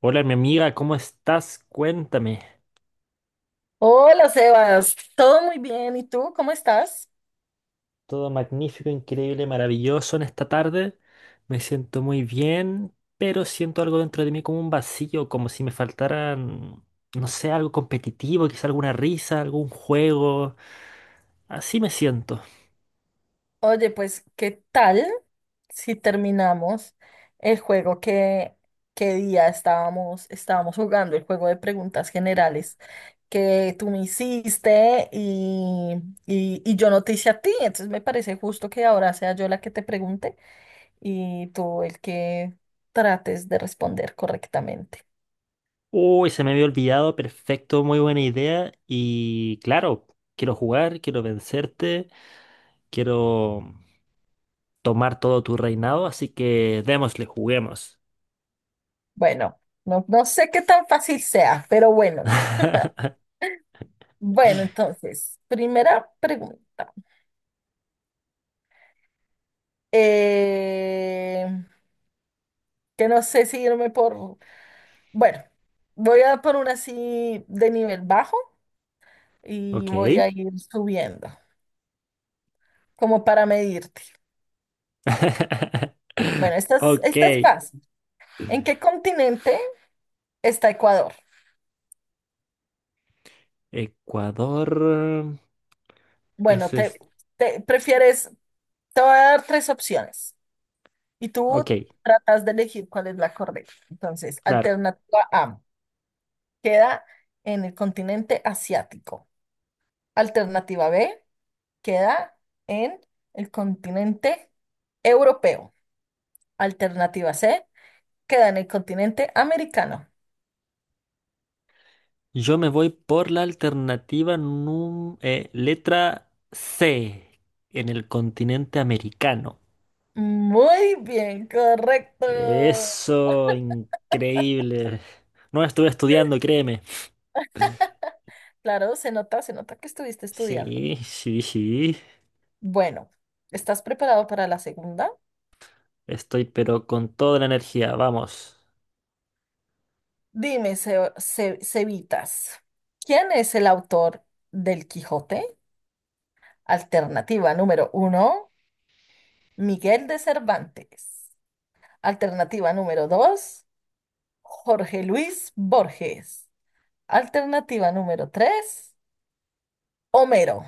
Hola, mi amiga, ¿cómo estás? Cuéntame. Hola Sebas, todo muy bien. ¿Y tú cómo estás? Todo magnífico, increíble, maravilloso en esta tarde. Me siento muy bien, pero siento algo dentro de mí como un vacío, como si me faltaran, no sé, algo competitivo, quizá alguna risa, algún juego. Así me siento. Oye, pues, ¿qué tal si terminamos el juego que día estábamos jugando, el juego de preguntas generales que tú me hiciste y yo no te hice a ti? Entonces me parece justo que ahora sea yo la que te pregunte y tú el que trates de responder correctamente. Uy, se me había olvidado, perfecto, muy buena idea. Y claro, quiero jugar, quiero vencerte, quiero tomar todo tu reinado, así que démosle, juguemos. Bueno, no sé qué tan fácil sea, pero bueno. Bueno, entonces, primera pregunta. Eh, que no sé si irme por... Bueno, voy a por una así de nivel bajo y Ok. voy a ir subiendo, como para medirte. Bueno, esta es Ok, fácil. ¿En qué continente está Ecuador? Ecuador. Bueno, Ese es. te prefieres... Te voy a dar tres opciones y Ok, tú tratas de elegir cuál es la correcta. Entonces, claro. alternativa A, queda en el continente asiático. Alternativa B queda en el continente europeo. Alternativa C queda en el continente americano. Yo me voy por la alternativa letra C, en el continente americano. Muy bien, correcto. Eso, increíble. No estuve estudiando, créeme. Claro, se nota que estuviste estudiando. Sí, sí, sí. Bueno, ¿estás preparado para la segunda? Estoy pero con toda la energía, vamos. Dime, Cevitas, ¿quién es el autor del Quijote? Alternativa número uno, Miguel de Cervantes. Alternativa número dos. Jorge Luis Borges. Alternativa número 3. Homero.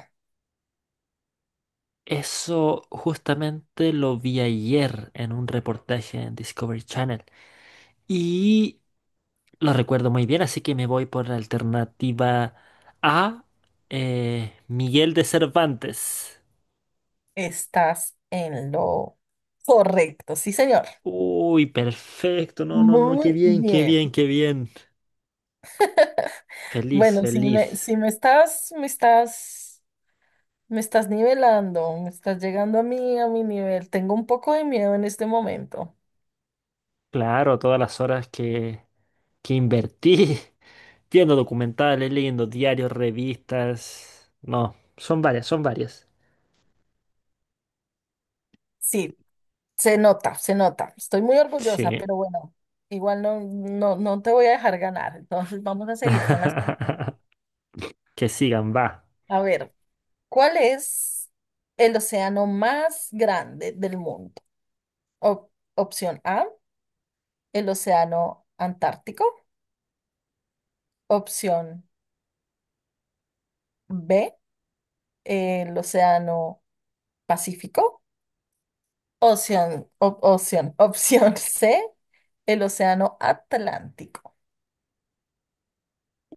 Eso justamente lo vi ayer en un reportaje en Discovery Channel. Y lo recuerdo muy bien, así que me voy por la alternativa A, Miguel de Cervantes. Estás en lo correcto, sí, señor. Uy, perfecto, no, no, no, qué Muy bien, qué bien. bien, qué bien. Feliz, Bueno, si me, feliz. si me estás, me estás, me estás nivelando, me estás llegando a mí, a mi nivel. Tengo un poco de miedo en este momento. Claro, todas las horas que invertí viendo documentales, leyendo diarios, revistas. No, son varias, son varias. Sí, se nota, se nota. Estoy muy orgullosa, Sí. pero bueno, igual no te voy a dejar ganar. Entonces, vamos a seguir con las preguntas. Que sigan, va. A ver. ¿Cuál es el océano más grande del mundo? Opción A, el océano Antártico. Opción B, el océano Pacífico. Opción C, el océano Atlántico.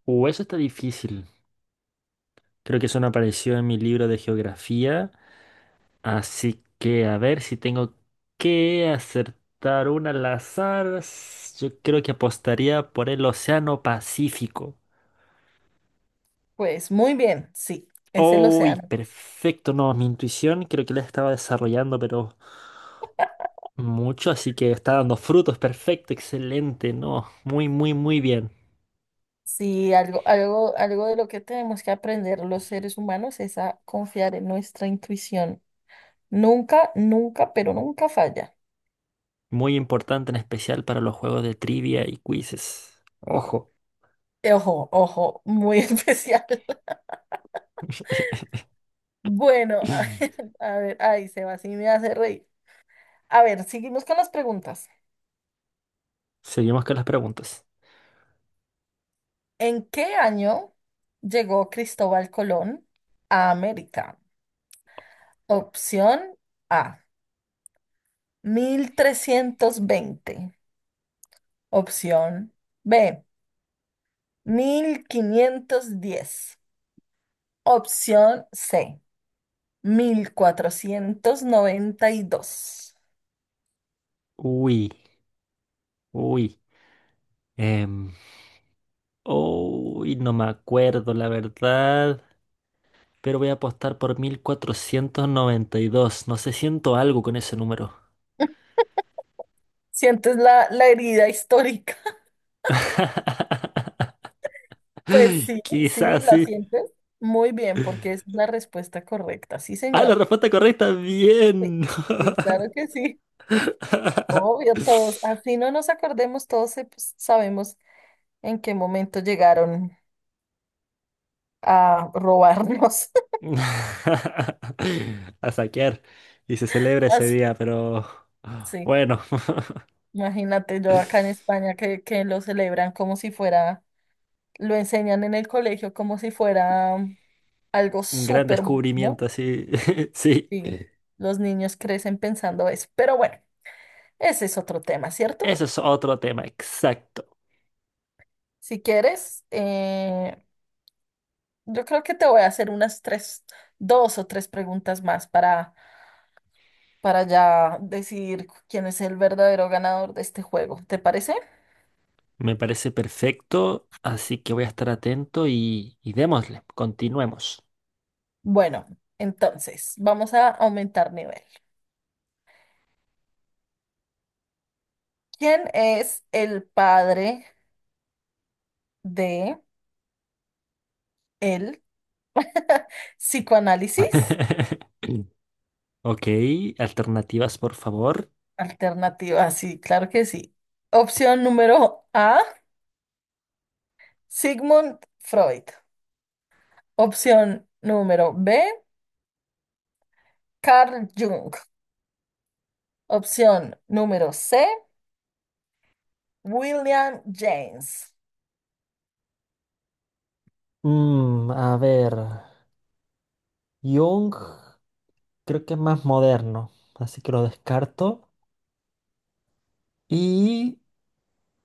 Eso está difícil. Creo que eso no apareció en mi libro de geografía. Así que a ver si tengo que acertar una al azar. Yo creo que apostaría por el Océano Pacífico. Pues muy bien, sí, es el ¡Uy! océano. Perfecto, no, mi intuición creo que la estaba desarrollando, pero mucho, así que está dando frutos. Perfecto, excelente, no. Muy, muy, muy bien. Sí, algo de lo que tenemos que aprender los seres humanos es a confiar en nuestra intuición. Nunca, nunca, pero nunca falla. Muy importante en especial para los juegos de trivia y quizzes. Ojo. Ojo, ojo, muy especial. Bueno, a ver, ay, Seba, sí me hace reír. A ver, seguimos con las preguntas. Seguimos con las preguntas. ¿En qué año llegó Cristóbal Colón a América? Opción A, 1320. Opción B, 1510. Opción C, 1492. Uy, uy. Em, uy, no me acuerdo, la verdad. Pero voy a apostar por 1492. No sé, siento algo con ese número. ¿Sientes la herida histórica? Pues sí, sí, Quizás la sí. sientes. Muy bien, porque esa es la respuesta correcta. Sí, Ah, la señor. respuesta correcta. Sí, Bien. sí, claro que sí. Obvio, todos, así no nos acordemos, pues, sabemos en qué momento llegaron a robarnos. A saquear. Y se celebra ese Así, día, pero sí, bueno, imagínate yo acá en España que lo celebran como si fuera, lo enseñan en el colegio como si fuera algo un gran súper bueno. descubrimiento, sí. Sí. Y los niños crecen pensando eso. Pero bueno, ese es otro tema, ¿cierto? Eso es otro tema, exacto. Si quieres, yo creo que te voy a hacer unas tres, dos o tres preguntas más para ya decidir quién es el verdadero ganador de este juego. ¿Te parece? Me parece perfecto, así que voy a estar atento y démosle, continuemos. Bueno, entonces vamos a aumentar nivel. ¿Quién es el padre de el psicoanálisis? Ok, alternativas, por favor. Alternativa, sí, claro que sí. Opción número A, Sigmund Freud. Opción número B, Carl Jung. Opción número C, William James. Mm, a ver, Jung creo que es más moderno, así que lo descarto. Y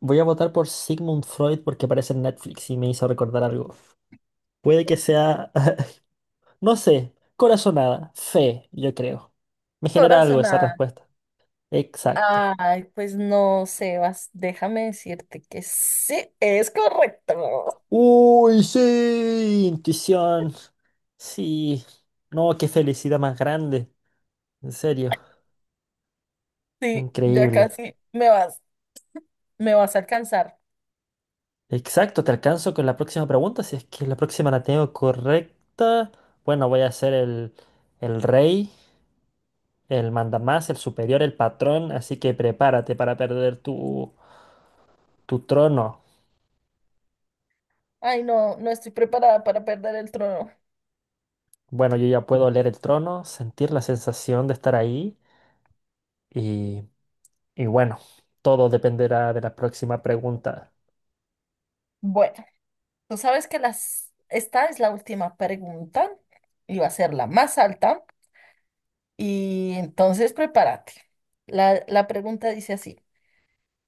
voy a votar por Sigmund Freud porque aparece en Netflix y me hizo recordar algo. Puede que sea, no sé, corazonada, fe, yo creo. Me genera algo esa Corazonada. respuesta. Exacto. Ay, pues no, Sebas, déjame decirte que sí, es correcto. Uy, sí, intuición. Sí. No, qué felicidad más grande. En serio, Sí, ya increíble. casi me vas a alcanzar. Exacto, te alcanzo con la próxima pregunta. Si es que la próxima la tengo correcta, bueno, voy a ser el rey, el mandamás, el superior, el patrón. Así que prepárate para perder tu, tu trono. Ay, no, no estoy preparada para perder el trono. Bueno, yo ya puedo leer el trono, sentir la sensación de estar ahí. Y, y bueno, todo dependerá de la próxima pregunta. Bueno, tú sabes que esta es la última pregunta y va a ser la más alta. Y entonces prepárate. La pregunta dice así.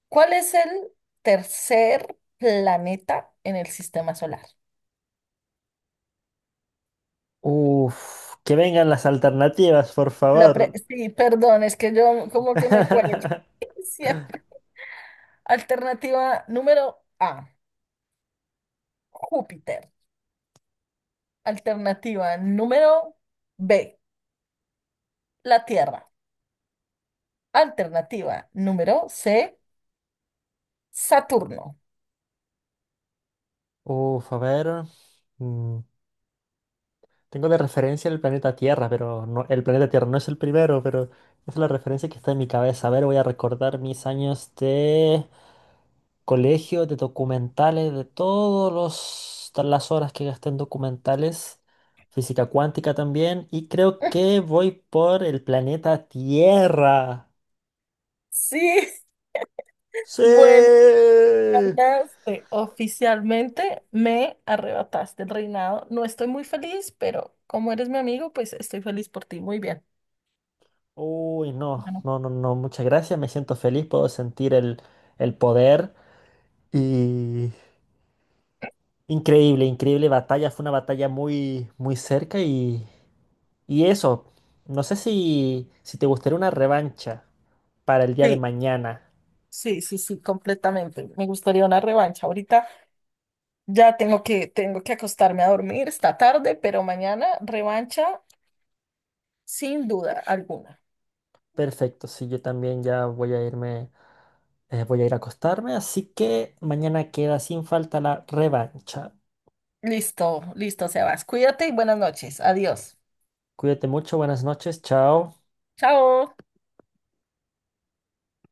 ¿Cuál es el tercer planeta en el sistema solar? Uf, que vengan las alternativas, por favor. Sí, perdón, es que yo como que me cuelgo siempre. Alternativa número A, Júpiter. Alternativa número B, la Tierra. Alternativa número C, Saturno. Uf, a ver. mm, Tengo de referencia el planeta Tierra, pero no, el planeta Tierra no es el primero, pero es la referencia que está en mi cabeza. A ver, voy a recordar mis años de colegio, de documentales, de todas las horas que gasté en documentales, física cuántica también, y creo que voy por el planeta Tierra. Sí, ¡Sí! bueno, ganaste. Oficialmente me arrebataste el reinado. No estoy muy feliz, pero como eres mi amigo, pues estoy feliz por ti. Muy bien. Uy, no, Bueno, no, no, no, muchas gracias, me siento feliz, puedo sentir el poder y increíble, increíble batalla, fue una batalla muy, muy cerca y eso, no sé si, si te gustaría una revancha para el día de Sí, mañana. Sí, completamente. Me gustaría una revancha. Ahorita ya tengo que acostarme a dormir, está tarde, pero mañana revancha sin duda alguna. Perfecto, sí, yo también ya voy a irme, voy a ir a acostarme, así que mañana queda sin falta la revancha. Listo, listo, Sebas. Cuídate y buenas noches. Adiós. Cuídate mucho, buenas noches, chao. Chao.